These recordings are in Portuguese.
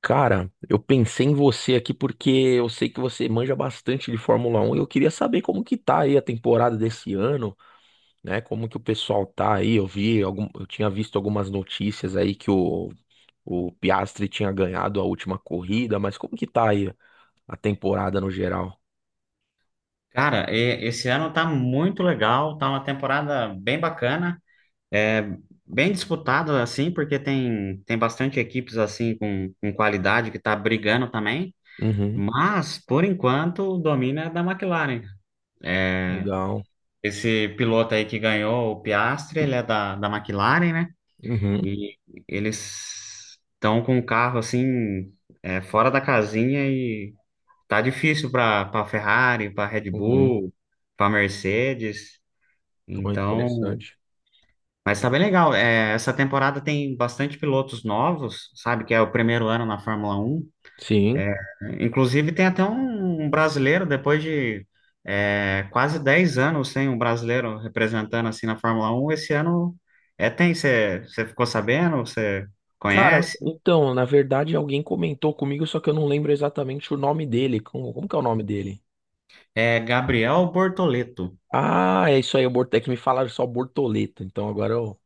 Cara, eu pensei em você aqui porque eu sei que você manja bastante de Fórmula Um e eu queria saber como que tá aí a temporada desse ano, né? Como que o pessoal tá aí? Eu tinha visto algumas notícias aí que o Piastri tinha ganhado a última corrida, mas como que tá aí a temporada no geral? Cara, esse ano tá muito legal, tá uma temporada bem bacana, é bem disputada assim, porque tem bastante equipes assim com qualidade que tá brigando também, Uhum, mas por enquanto domina é da McLaren. É, legal. esse piloto aí que ganhou o Piastri, ele é da McLaren, né? Uhum, E eles estão com um carro assim é, fora da casinha e tá difícil para Ferrari, para Red uhum. Bull, para Mercedes. Então é Então, interessante. mas tá bem legal. É, essa temporada tem bastante pilotos novos, sabe? Que é o primeiro ano na Fórmula Um. Sim. É, inclusive tem até um brasileiro, depois de quase 10 anos sem um brasileiro representando assim na Fórmula Um esse ano é, tem, você ficou sabendo? Você Cara, conhece? então, na verdade, alguém comentou comigo, só que eu não lembro exatamente o nome dele. Como que é o nome dele? É Gabriel Bortoleto. Ah, é isso aí, é que me falaram só Bortoleta, então agora eu,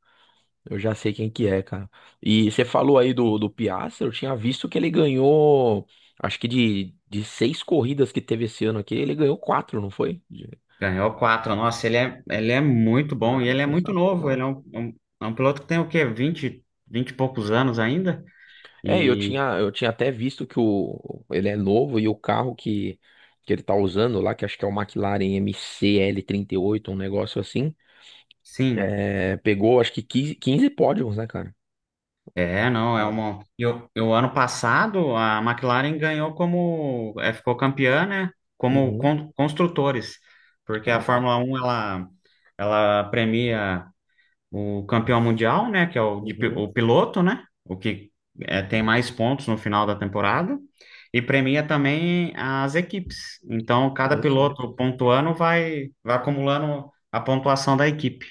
eu já sei quem que é, cara. E você falou aí do Piastri, eu tinha visto que ele ganhou, acho que de seis corridas que teve esse ano aqui, ele ganhou quatro, não foi? Ganhou quatro. Nossa, ele é muito bom Cara, e é ele é muito novo. sensacional. Ele é um piloto que tem o quê? Vinte e poucos anos ainda. É, eu tinha até visto que ele é novo e o carro que ele tá usando lá, que acho que é o McLaren mcl oito, um negócio assim, Sim, é, pegou acho que quinze pódios, né, cara? é, não, é Cara. uma. Eu ano passado a McLaren ganhou como, é, ficou campeã, né? Como Uhum. Construtores, porque a Caraca. Fórmula um ela premia o campeão mundial, né? Que é Uhum. o piloto, né? O que é, tem mais pontos no final da temporada e premia também as equipes. Então, cada Interessante. piloto pontuando vai acumulando a pontuação da equipe.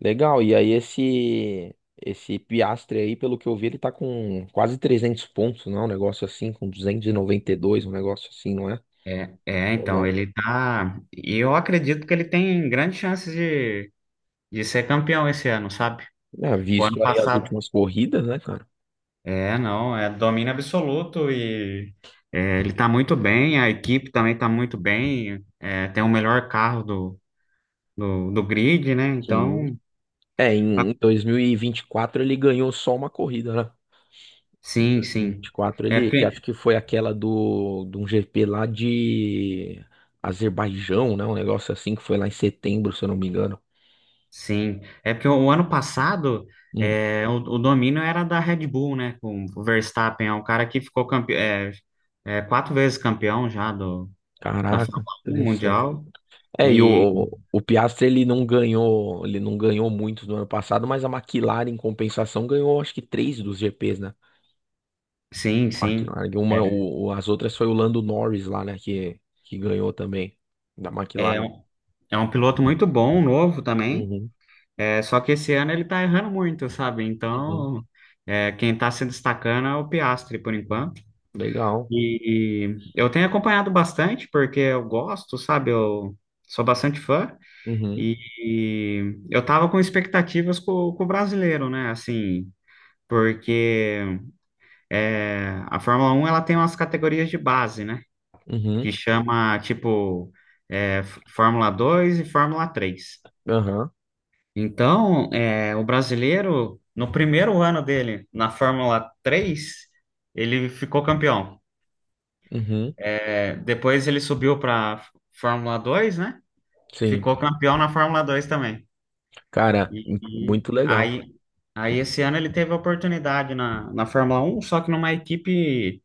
Legal. E aí esse Piastre aí, pelo que eu vi, ele tá com quase 300 pontos, não é? Um negócio assim, com duzentos e noventa e dois um negócio assim, não é? Ou não? Ele tá. E eu acredito que ele tem grandes chances de ser campeão esse ano, sabe? É, O ano visto aí as passado. últimas corridas, né, cara? É, não, é domínio absoluto e é, ele tá muito bem, a equipe também tá muito bem, é, tem o melhor carro do grid, né? Sim. Então, É, a- em dois mil e vinte e quatro ele ganhou só uma corrida, né? Em sim, dois mil e vinte sim. e quatro É ele, que acho porque que foi aquela de um GP lá de Azerbaijão, né? Um negócio assim que foi lá em setembro, se eu não me engano. sim, é porque o, ano passado Hum, é, o domínio era da Red Bull, né? Com o Verstappen, é um cara que ficou campeão, quatro vezes campeão já da Fórmula caraca, 1 interessante. Mundial. É, e E o Piastri ele não ganhou muito no ano passado, mas a McLaren, em compensação, ganhou acho que três dos GPs, né? sim, sim. McLaren, as outras foi o Lando Norris lá, né? Que ganhou também da É, é McLaren. um- é um piloto muito bom, novo também. Uhum, É, só que esse ano ele tá errando muito, sabe? uhum, Então, é, quem tá se destacando é o Piastri por enquanto. legal. E eu tenho acompanhado bastante, porque eu gosto, sabe? Eu sou bastante fã. Uhum, Eu tava com expectativas com o brasileiro, né? Assim, porque é, a Fórmula 1 ela tem umas categorias de base, né? uhum, Que chama tipo é, Fórmula 2 e Fórmula 3. aham, Então, é, o brasileiro, no primeiro ano dele na Fórmula 3, ele ficou campeão. uhum, É, depois ele subiu para Fórmula 2, né? sim. Ficou campeão na Fórmula 2 também. Cara, E muito legal. aí, aí Esse ano ele teve a oportunidade na Fórmula Um, só que numa equipe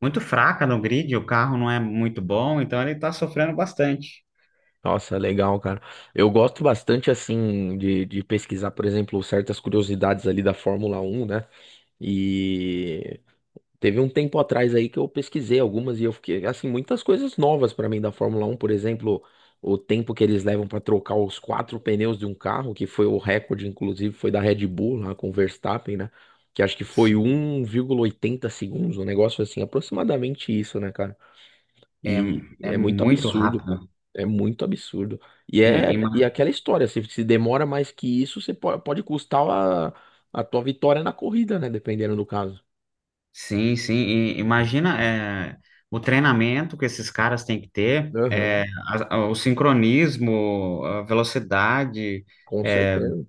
muito fraca no grid, o carro não é muito bom, então ele está sofrendo bastante. Nossa, legal, cara. Eu gosto bastante, assim, de pesquisar, por exemplo, certas curiosidades ali da Fórmula Um, né? E teve um tempo atrás aí que eu pesquisei algumas e eu fiquei, assim, muitas coisas novas pra mim da Fórmula Um, por exemplo, o tempo que eles levam pra trocar os quatro pneus de um carro, que foi o recorde, inclusive, foi da Red Bull lá com o Verstappen, né? Que acho que foi Sim, 1,80 segundos, um negócio assim, aproximadamente isso, né, cara? É, E é é muito muito absurdo, cara. rápido. É muito absurdo. E E, é e é ima- aquela história, se demora mais que isso, você pode custar a tua vitória na corrida, né? Dependendo do caso. Imagina é, o treinamento que esses caras têm que ter, é, Aham, o sincronismo, a velocidade. com É, certeza.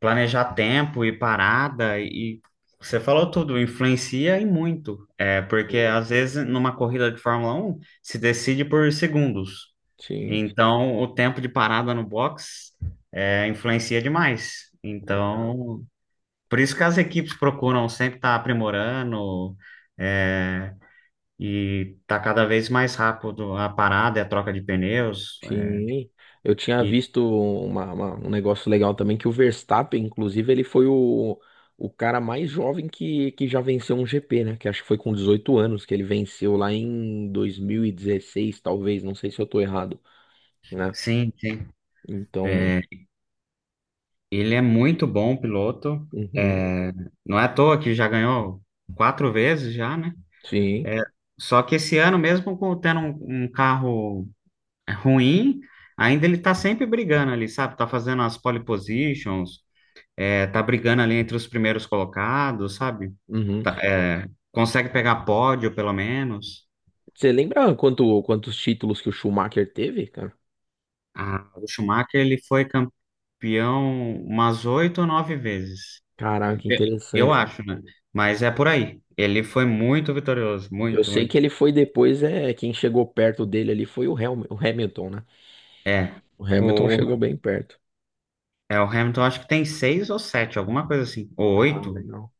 planejar tempo e parada e você falou tudo, influencia e muito. É, porque Sim, às vezes numa corrida de Fórmula Um se decide por segundos. sim. Então o tempo de parada no box é, influencia demais. Então, por isso que as equipes procuram sempre estar aprimorando é, e tá cada vez mais rápido a parada e a troca de pneus. Sim. Eu tinha E visto um negócio legal também que o Verstappen, inclusive, ele foi o cara mais jovem que já venceu um GP, né? Que acho que foi com 18 anos que ele venceu lá em 2016, talvez, não sei se eu tô errado, né? sim, sim. Então, É, ele é muito bom piloto. uhum, É, não é à toa que já ganhou quatro vezes já, né? sim. É, só que esse ano, tendo um carro é, ruim, ainda ele tá sempre brigando ali, sabe? Tá fazendo as pole positions, é, tá brigando ali entre os primeiros colocados, sabe? Uhum. Tá- é, Consegue pegar pódio, pelo menos. Você lembra quantos títulos que o Schumacher teve, cara? Ah, o Schumacher, ele foi campeão umas oito ou nove vezes. Caraca, que Eu eu interessante. acho, né? Mas é por aí. Ele foi muito vitorioso, Eu muito, sei que muito. ele foi depois, é, quem chegou perto dele ali foi o Hamilton, né? É. O Hamilton O, chegou bem perto. O Hamilton acho que tem seis ou sete, alguma coisa assim, ou Ah, oito. legal.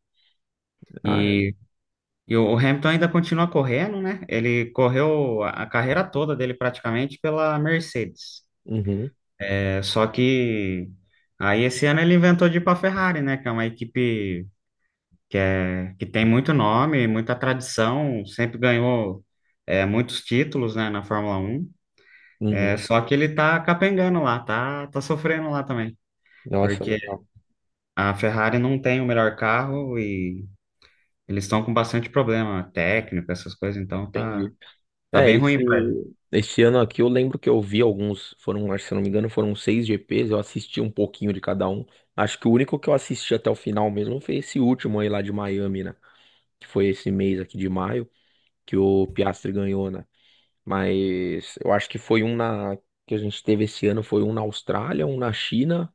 Ah, é. E, o Hamilton ainda continua correndo, né? Ele correu a carreira toda dele praticamente pela Mercedes. Uhum, É, só que aí esse ano ele inventou de ir para Ferrari, né? Que é uma equipe que, é, que tem muito nome, muita tradição, sempre ganhou é, muitos títulos, né, na Fórmula Um. É, uhum. só que ele tá capengando lá, tá sofrendo lá também. Nossa, Porque legal. a Ferrari não tem o melhor carro e eles estão com bastante problema técnico, essas coisas, então Entendi. tá É, bem esse, ruim pra ele. esse ano aqui eu lembro que eu vi, acho que se eu não me engano, foram seis GPs, eu assisti um pouquinho de cada um. Acho que o único que eu assisti até o final mesmo foi esse último aí lá de Miami, né? Que foi esse mês aqui de maio, que o Piastri ganhou, né? Mas eu acho que foi um na, que a gente teve esse ano, foi um na Austrália, um na China,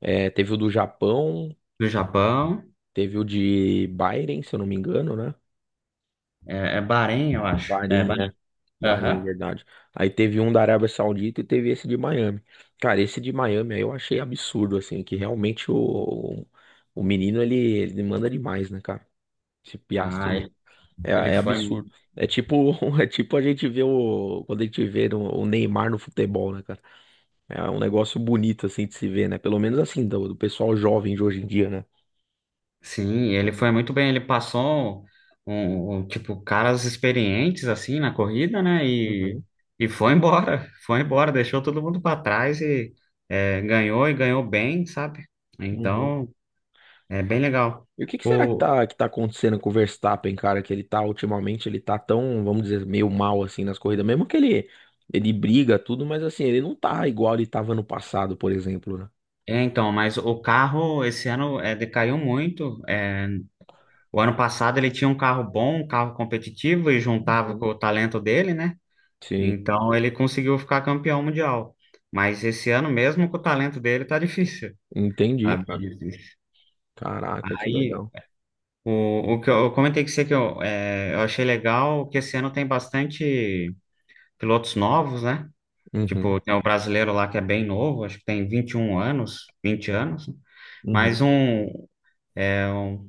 é, teve o do Japão. Do Japão, Teve o de Bahrein, se eu não me engano, né? é, é Bahrein, eu acho. É Bahrein, Bahrein. né? Bahrein, Aham. verdade. Aí teve um da Arábia Saudita e teve esse de Miami. Cara, esse de Miami aí eu achei absurdo, assim, que realmente o menino ele manda demais, né, cara? Esse Piastri, Ah, ele é, ele é foi. absurdo. É tipo, é tipo a gente vê quando a gente vê o Neymar no futebol, né, cara? É um negócio bonito, assim, de se ver, né? Pelo menos assim, do pessoal jovem de hoje em dia, né? Sim, ele foi muito bem, ele passou tipo caras experientes assim na corrida, né? Uhum. E foi embora, foi embora, deixou todo mundo para trás e é, ganhou e ganhou bem, sabe? Uhum. Então, é bem legal. E o que que será que O, tá, que tá acontecendo com o Verstappen, cara? Que ele tá ultimamente, ele tá tão, vamos dizer, meio mal assim nas corridas. Mesmo que ele briga tudo, mas assim, ele não tá igual ele tava no passado, por exemplo, né? Então, mas o carro esse ano é, decaiu muito. É, o ano passado ele tinha um carro bom, um carro competitivo e juntava com Uhum. o talento dele, né? Sim, Então ele conseguiu ficar campeão mundial. Mas esse ano mesmo com o talento dele tá difícil. entendi, Sabe? cara. Caraca, que Aí, legal. O que eu comentei com você que eu, é, eu achei legal que esse ano tem bastante pilotos novos, né? Uhum, Tipo, tem o brasileiro lá que é bem novo, acho que tem 21 anos, 20 anos, né? Mas uhum, é, um-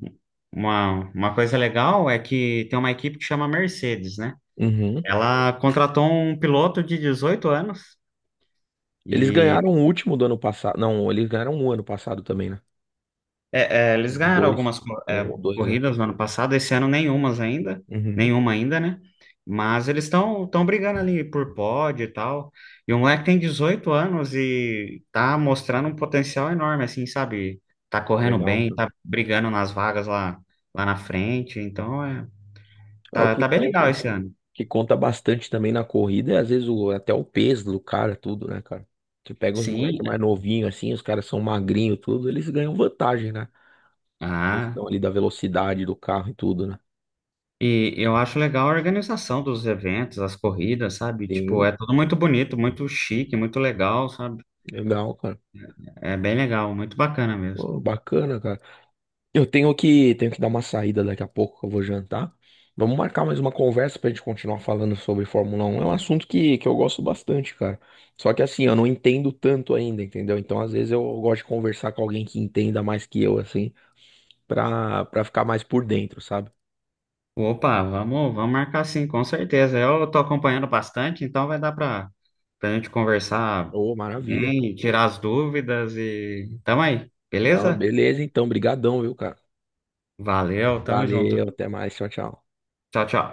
uma coisa legal é que tem uma equipe que chama Mercedes, né? uhum. Ela contratou um piloto de 18 anos. Eles ganharam o último do ano passado. Não, eles ganharam um ano passado também, né? Eles Os ganharam dois. algumas Um ou dois, né? corridas no ano passado, esse ano nenhumas ainda, Uhum, nenhuma ainda, né? Mas eles estão brigando ali por pódio e tal. E o moleque tem 18 anos e tá mostrando um potencial enorme, assim, sabe? Tá correndo legal, bem, cara. tá brigando nas vagas lá na frente. Então, é, É o que tá bem legal conta. esse ano. Que conta bastante também na corrida, e às vezes até o peso do cara, tudo, né, cara? Você pega uns moleques mais Sim, novinhos assim, os caras são magrinhos, tudo, eles ganham vantagem, né? A ah, questão ali da velocidade do carro e tudo, né? e eu acho legal a organização dos eventos, as corridas, sabe? Tipo, Sim, é tudo muito bonito, muito chique, muito legal, sabe? legal, cara. É bem legal, muito bacana mesmo. Pô, bacana, cara. Eu tenho tenho que dar uma saída daqui a pouco, que eu vou jantar. Vamos marcar mais uma conversa pra gente continuar falando sobre Fórmula Um. É um assunto que eu gosto bastante, cara. Só que assim, eu não entendo tanto ainda, entendeu? Então, às vezes, eu gosto de conversar com alguém que entenda mais que eu, assim. Pra ficar mais por dentro, sabe? Opa, vamos marcar sim, com certeza. Eu tô acompanhando bastante, então vai dar para a gente conversar Ô, maravilha, pô. bem, tirar as dúvidas e tamo aí, Não, beleza? beleza, então, brigadão, viu, cara? Valeu, tamo junto. Valeu, até mais, tchau, tchau. Tchau, tchau.